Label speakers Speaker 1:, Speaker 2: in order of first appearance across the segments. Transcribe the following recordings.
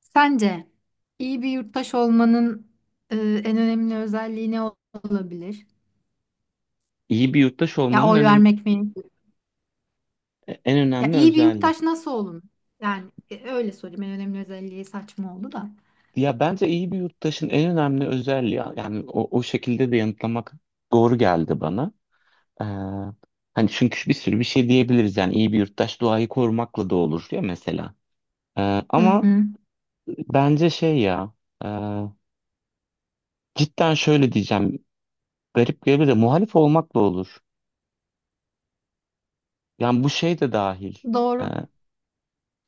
Speaker 1: Sence iyi bir yurttaş olmanın en önemli özelliği ne olabilir?
Speaker 2: İyi bir yurttaş
Speaker 1: Ya
Speaker 2: olmanın
Speaker 1: oy vermek mi?
Speaker 2: en
Speaker 1: Ya
Speaker 2: önemli
Speaker 1: iyi bir
Speaker 2: özelliği.
Speaker 1: yurttaş nasıl olun? Yani öyle sorayım. En önemli özelliği saçma oldu da.
Speaker 2: Ya bence iyi bir yurttaşın en önemli özelliği, yani o şekilde de yanıtlamak doğru geldi bana. Ee, hani çünkü bir sürü bir şey diyebiliriz, yani iyi bir yurttaş doğayı korumakla da olur ya mesela. Ee,
Speaker 1: Hı
Speaker 2: ama
Speaker 1: hı.
Speaker 2: bence şey ya, e, cidden şöyle diyeceğim, garip gelebilir de muhalif olmakla olur. Yani bu şey de dahil. Ee,
Speaker 1: Doğru.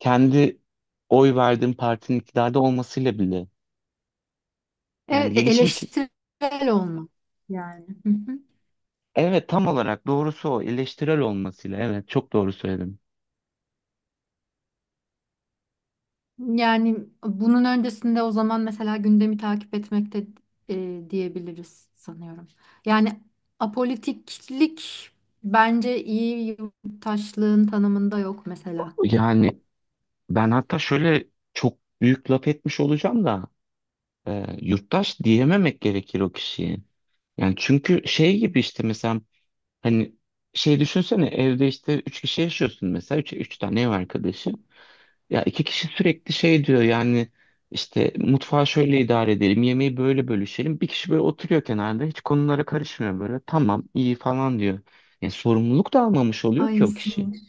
Speaker 2: kendi oy verdiğim partinin iktidarda olmasıyla bile. Yani
Speaker 1: Evet,
Speaker 2: gelişim için.
Speaker 1: eleştirel olmak yani. Hı hı.
Speaker 2: Evet, tam olarak doğrusu, o eleştirel olmasıyla, evet, çok doğru söyledim.
Speaker 1: Yani bunun öncesinde o zaman mesela gündemi takip etmekte diyebiliriz sanıyorum. Yani apolitiklik bence iyi yurttaşlığın tanımında yok mesela.
Speaker 2: Yani ben hatta şöyle, çok büyük laf etmiş olacağım da, yurttaş diyememek gerekir o kişiye. Yani çünkü şey gibi işte, mesela hani şey, düşünsene evde işte üç kişi yaşıyorsun mesela, üç tane ev arkadaşı. Ya iki kişi sürekli şey diyor, yani işte mutfağı şöyle idare edelim, yemeği böyle bölüşelim. Bir kişi böyle oturuyor kenarda, hiç konulara karışmıyor böyle. Tamam, iyi falan diyor. Yani sorumluluk da almamış oluyor ki
Speaker 1: Ay
Speaker 2: o kişi.
Speaker 1: sinir.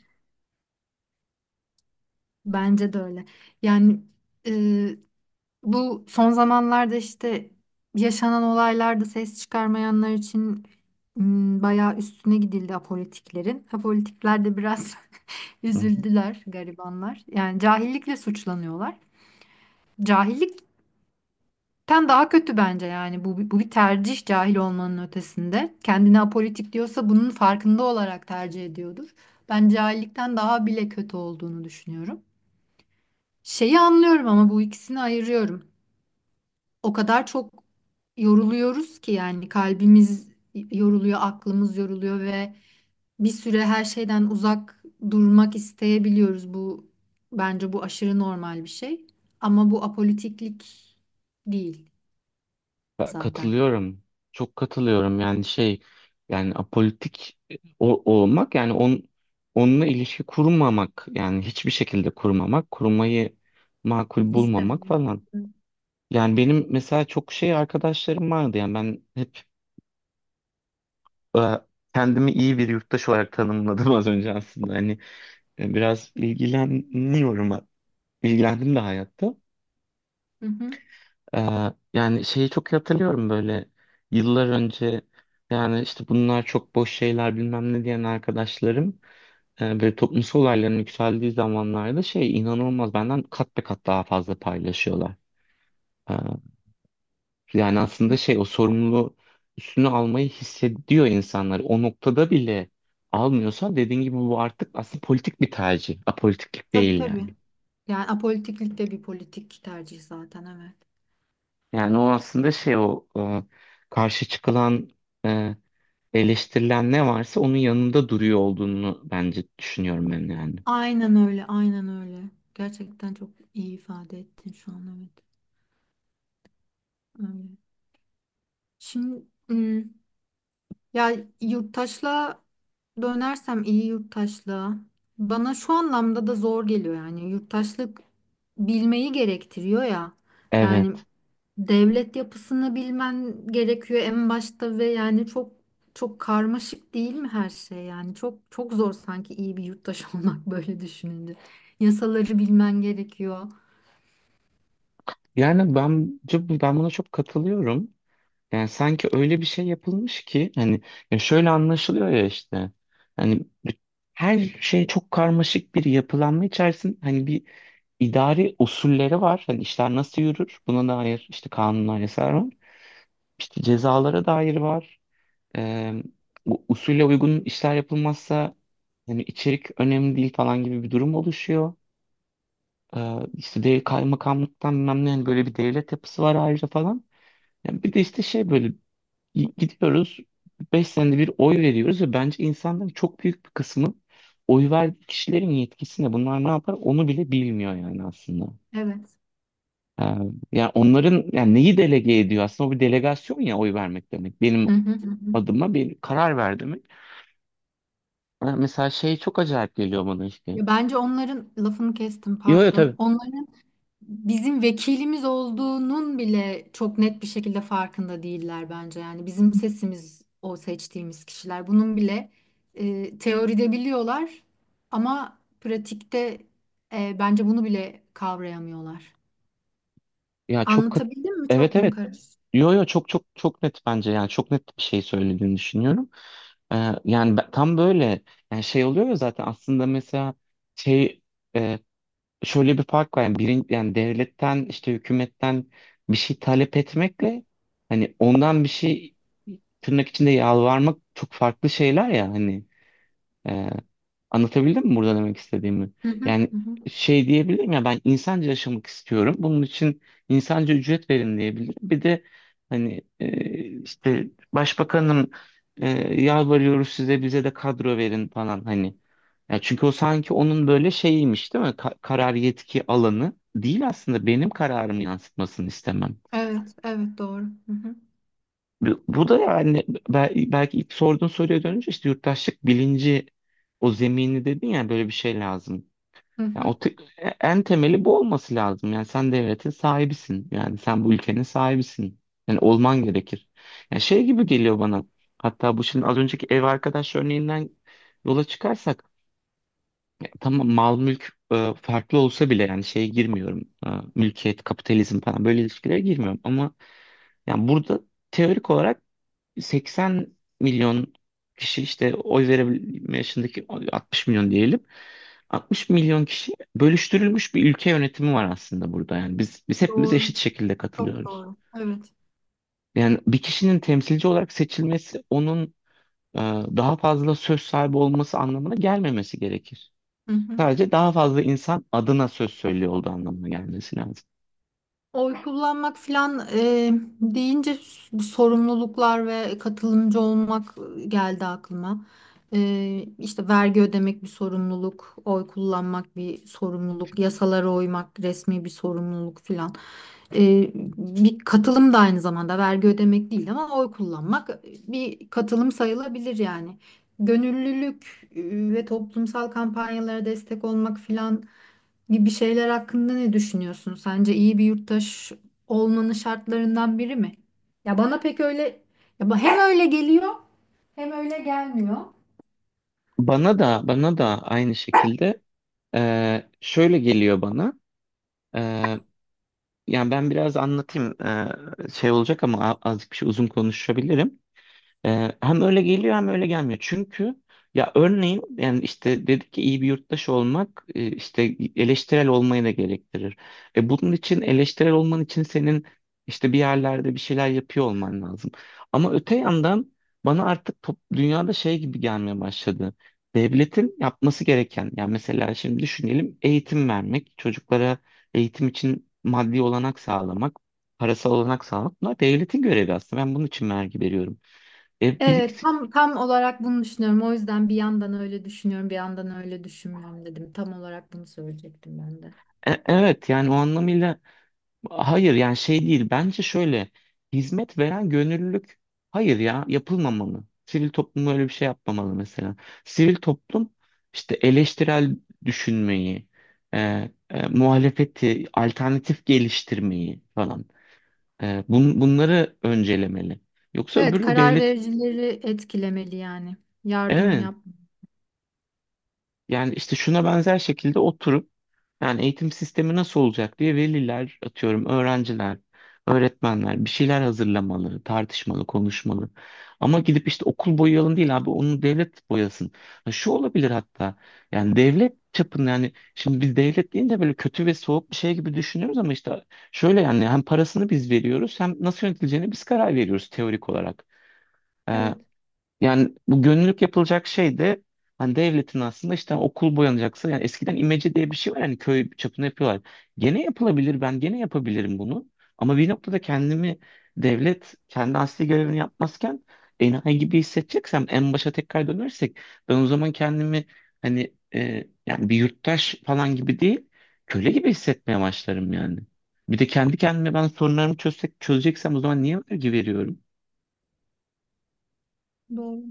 Speaker 1: Bence de öyle. Yani e, bu son zamanlarda işte yaşanan olaylarda ses çıkarmayanlar için bayağı üstüne gidildi apolitiklerin. Apolitikler de biraz
Speaker 2: Hı hı.
Speaker 1: üzüldüler garibanlar. Yani cahillikle suçlanıyorlar. Cahillikten daha kötü bence yani bu bir tercih cahil olmanın ötesinde. Kendini apolitik diyorsa bunun farkında olarak tercih ediyordur. Ben cahillikten daha bile kötü olduğunu düşünüyorum. Şeyi anlıyorum ama bu ikisini ayırıyorum. O kadar çok yoruluyoruz ki yani kalbimiz yoruluyor, aklımız yoruluyor ve bir süre her şeyden uzak durmak isteyebiliyoruz. Bu bence bu aşırı normal bir şey. Ama bu apolitiklik değil
Speaker 2: Ben
Speaker 1: zaten.
Speaker 2: katılıyorum. Çok katılıyorum, yani şey, yani apolitik, olmak, yani onunla ilişki kurmamak, yani hiçbir şekilde kurmamak, kurmayı makul bulmamak
Speaker 1: İstemem.
Speaker 2: falan.
Speaker 1: Hı
Speaker 2: Yani benim mesela çok şey arkadaşlarım vardı, yani ben hep e, kendimi iyi bir yurttaş olarak tanımladım az önce aslında. Hani biraz ilgileniyorum, ilgilendim de hayatta.
Speaker 1: hı.
Speaker 2: E, yani şeyi çok iyi hatırlıyorum böyle, yıllar önce, yani işte bunlar çok boş şeyler bilmem ne diyen arkadaşlarım, böyle toplumsal olayların yükseldiği zamanlarda şey, inanılmaz benden kat be kat daha fazla paylaşıyorlar. Ee, Yani
Speaker 1: Hı.
Speaker 2: aslında şey, o sorumluluğu üstüne almayı hissediyor insanlar. O noktada bile almıyorsa, dediğin gibi, bu artık aslında politik bir tercih. Apolitiklik
Speaker 1: Tabii
Speaker 2: değil yani.
Speaker 1: tabii. Yani apolitiklik de bir politik tercih zaten, evet.
Speaker 2: Yani o aslında şey, o karşı çıkılan, e, eleştirilen ne varsa onun yanında duruyor olduğunu bence düşünüyorum ben yani.
Speaker 1: Aynen öyle, aynen öyle. Gerçekten çok iyi ifade ettin şu an, evet. Öyle. Şimdi ya yurttaşla dönersem iyi yurttaşlığa bana şu anlamda da zor geliyor, yani yurttaşlık bilmeyi gerektiriyor ya. Yani
Speaker 2: Evet.
Speaker 1: devlet yapısını bilmen gerekiyor en başta ve yani çok çok karmaşık değil mi her şey, yani çok çok zor sanki iyi bir yurttaş olmak böyle düşününce. Yasaları bilmen gerekiyor.
Speaker 2: Yani bence ben buna çok katılıyorum. Yani sanki öyle bir şey yapılmış ki, hani ya şöyle anlaşılıyor ya işte, hani her şey çok karmaşık bir yapılanma içerisinde, hani bir idari usulleri var. Hani işler nasıl yürür? Buna dair işte kanunlar, yasalar var. İşte cezalara dair var. Ee, bu usule uygun işler yapılmazsa, hani içerik önemli değil falan gibi bir durum oluşuyor. İşte de kaymakamlıktan bilmem ne, hani böyle bir devlet yapısı var ayrıca falan. Yani bir de işte şey böyle, gidiyoruz, 5 senede bir oy veriyoruz ve bence insanların çok büyük bir kısmı oy verdiği kişilerin yetkisine bunlar ne yapar onu bile bilmiyor yani aslında.
Speaker 1: Evet.
Speaker 2: Ee, yani onların, yani neyi delege ediyor aslında, o bir delegasyon ya oy vermek demek. Benim
Speaker 1: Hı hı. Hı hı.
Speaker 2: adıma bir karar ver demek. Mesela şey çok acayip geliyor bana işte.
Speaker 1: Ya bence onların lafını kestim,
Speaker 2: Yo yo,
Speaker 1: pardon.
Speaker 2: tabii.
Speaker 1: Onların bizim vekilimiz olduğunun bile çok net bir şekilde farkında değiller bence. Yani bizim sesimiz o seçtiğimiz kişiler. Bunun bile teoride biliyorlar ama pratikte bence bunu bile kavrayamıyorlar.
Speaker 2: Ya çok kat-
Speaker 1: Anlatabildim mi?
Speaker 2: evet,
Speaker 1: Çok mu
Speaker 2: evet.
Speaker 1: karışık?
Speaker 2: Yo yo, çok çok çok net bence, yani çok net bir şey söylediğini düşünüyorum. Yani tam böyle, yani şey oluyor ya zaten aslında, mesela şey, e, şöyle bir fark var yani, yani devletten, işte hükümetten bir şey talep etmekle, hani ondan bir şey tırnak içinde yalvarmak çok farklı şeyler ya, hani. Ee, anlatabildim mi burada demek istediğimi?
Speaker 1: Hı hı,
Speaker 2: Yani
Speaker 1: hı hı.
Speaker 2: şey diyebilirim ya, ben insanca yaşamak istiyorum. Bunun için insanca ücret verin diyebilirim. Bir de hani işte başbakanım, e, yalvarıyoruz size, bize de kadro verin falan hani. Ya çünkü o sanki onun böyle şeyiymiş değil mi? Karar yetki alanı değil aslında, benim kararımı yansıtmasını istemem.
Speaker 1: Evet, evet doğru. Hı hı,
Speaker 2: Bu da yani, belki ilk sorduğun soruya dönünce, işte yurttaşlık bilinci, o zemini dedin ya, böyle bir şey lazım.
Speaker 1: hı
Speaker 2: Yani
Speaker 1: hı.
Speaker 2: o en temeli bu olması lazım. Yani sen devletin sahibisin. Yani sen bu ülkenin sahibisin. Yani olman gerekir. Yani şey gibi geliyor bana. Hatta bu, şimdi az önceki ev arkadaş örneğinden yola çıkarsak, ya tamam, mal mülk farklı olsa bile, yani şeye girmiyorum. Mülkiyet, kapitalizm falan, böyle ilişkilere girmiyorum, ama yani burada teorik olarak 80 milyon kişi, işte oy verebilme yaşındaki 60 milyon diyelim. 60 milyon kişi bölüştürülmüş bir ülke yönetimi var aslında burada. Yani biz hepimiz
Speaker 1: Doğru,
Speaker 2: eşit şekilde
Speaker 1: çok
Speaker 2: katılıyoruz.
Speaker 1: doğru. Evet.
Speaker 2: Yani bir kişinin temsilci olarak seçilmesi onun e, daha fazla söz sahibi olması anlamına gelmemesi gerekir.
Speaker 1: Hı hı.
Speaker 2: Sadece daha fazla insan adına söz söylüyor olduğu anlamına gelmesi lazım.
Speaker 1: Oy kullanmak filan, deyince sorumluluklar ve katılımcı olmak geldi aklıma. E, işte vergi ödemek bir sorumluluk, oy kullanmak bir sorumluluk, yasalara uymak resmi bir sorumluluk filan. E, bir katılım da aynı zamanda vergi ödemek değil ama oy kullanmak bir katılım sayılabilir yani. Gönüllülük ve toplumsal kampanyalara destek olmak filan gibi şeyler hakkında ne düşünüyorsun? Sence iyi bir yurttaş olmanın şartlarından biri mi? Ya bana pek öyle, ya hem öyle geliyor hem öyle gelmiyor.
Speaker 2: Bana da, bana da aynı şekilde, şöyle geliyor bana. E, Yani ben biraz anlatayım. Şey olacak ama, azıcık bir şey uzun konuşabilirim. Hem öyle geliyor hem öyle gelmiyor. Çünkü ya örneğin, yani işte dedik ki iyi bir yurttaş olmak işte eleştirel olmayı da gerektirir. E, bunun için eleştirel olman için senin işte bir yerlerde bir şeyler yapıyor olman lazım. Ama öte yandan bana artık dünyada şey gibi gelmeye başladı. Devletin yapması gereken, yani mesela şimdi düşünelim, eğitim vermek, çocuklara eğitim için maddi olanak sağlamak, parasal olanak sağlamak, bunlar devletin görevi aslında. Ben bunun için vergi veriyorum. E,
Speaker 1: Evet,
Speaker 2: birlik-
Speaker 1: tam olarak bunu düşünüyorum. O yüzden bir yandan öyle düşünüyorum, bir yandan öyle düşünmüyorum dedim. Tam olarak bunu söyleyecektim ben de.
Speaker 2: e- evet yani o anlamıyla hayır, yani şey değil, bence şöyle, hizmet veren gönüllülük, hayır ya, yapılmamalı. Sivil toplum öyle bir şey yapmamalı mesela. Sivil toplum işte eleştirel düşünmeyi, e, muhalefeti, alternatif geliştirmeyi falan, bunları öncelemeli. Yoksa
Speaker 1: Evet,
Speaker 2: öbürü
Speaker 1: karar
Speaker 2: devlet.
Speaker 1: vericileri etkilemeli yani. Yardım
Speaker 2: Evet.
Speaker 1: yap.
Speaker 2: Yani işte şuna benzer şekilde oturup. Yani eğitim sistemi nasıl olacak diye veliler, atıyorum öğrenciler, öğretmenler bir şeyler hazırlamalı, tartışmalı, konuşmalı. Ama gidip işte okul boyayalım değil, abi onu devlet boyasın. Ha, şu olabilir hatta, yani devlet çapında, yani şimdi biz devlet deyince böyle kötü ve soğuk bir şey gibi düşünüyoruz, ama işte şöyle yani, hem parasını biz veriyoruz hem nasıl yönetileceğini biz karar veriyoruz teorik olarak. Ee,
Speaker 1: Evet,
Speaker 2: yani bu gönüllülük yapılacak şey de, hani devletin aslında işte, okul boyanacaksa, yani eskiden imece diye bir şey var, yani köy çapında yapıyorlar. Gene yapılabilir, ben gene yapabilirim bunu. Ama bir noktada kendimi, devlet kendi asli görevini yapmazken enayi gibi hissedeceksem, en başa tekrar dönersek, ben o zaman kendimi, hani yani bir yurttaş falan gibi değil köle gibi hissetmeye başlarım yani. Bir de kendi kendime, ben sorunlarımı çözsek, çözeceksem o zaman niye vergi veriyorum
Speaker 1: doğru.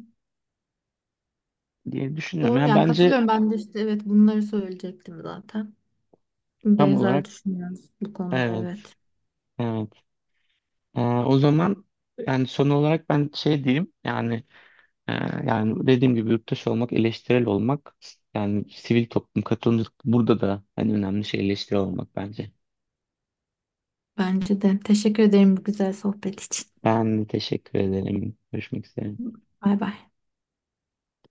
Speaker 2: diye düşünüyorum.
Speaker 1: Doğru
Speaker 2: Yani
Speaker 1: yani
Speaker 2: bence
Speaker 1: katılıyorum ben de, işte evet bunları söyleyecektim zaten.
Speaker 2: tam
Speaker 1: Benzer
Speaker 2: olarak.
Speaker 1: düşünüyoruz bu konuda,
Speaker 2: Evet,
Speaker 1: evet.
Speaker 2: evet. O zaman yani son olarak ben şey diyeyim, yani e, yani dediğim gibi yurttaş olmak, eleştirel olmak, yani sivil toplum, katılımcılık, burada da en önemli şey eleştirel olmak bence.
Speaker 1: Bence de. Teşekkür ederim bu güzel sohbet için.
Speaker 2: Ben teşekkür ederim. Görüşmek üzere.
Speaker 1: Bay bay.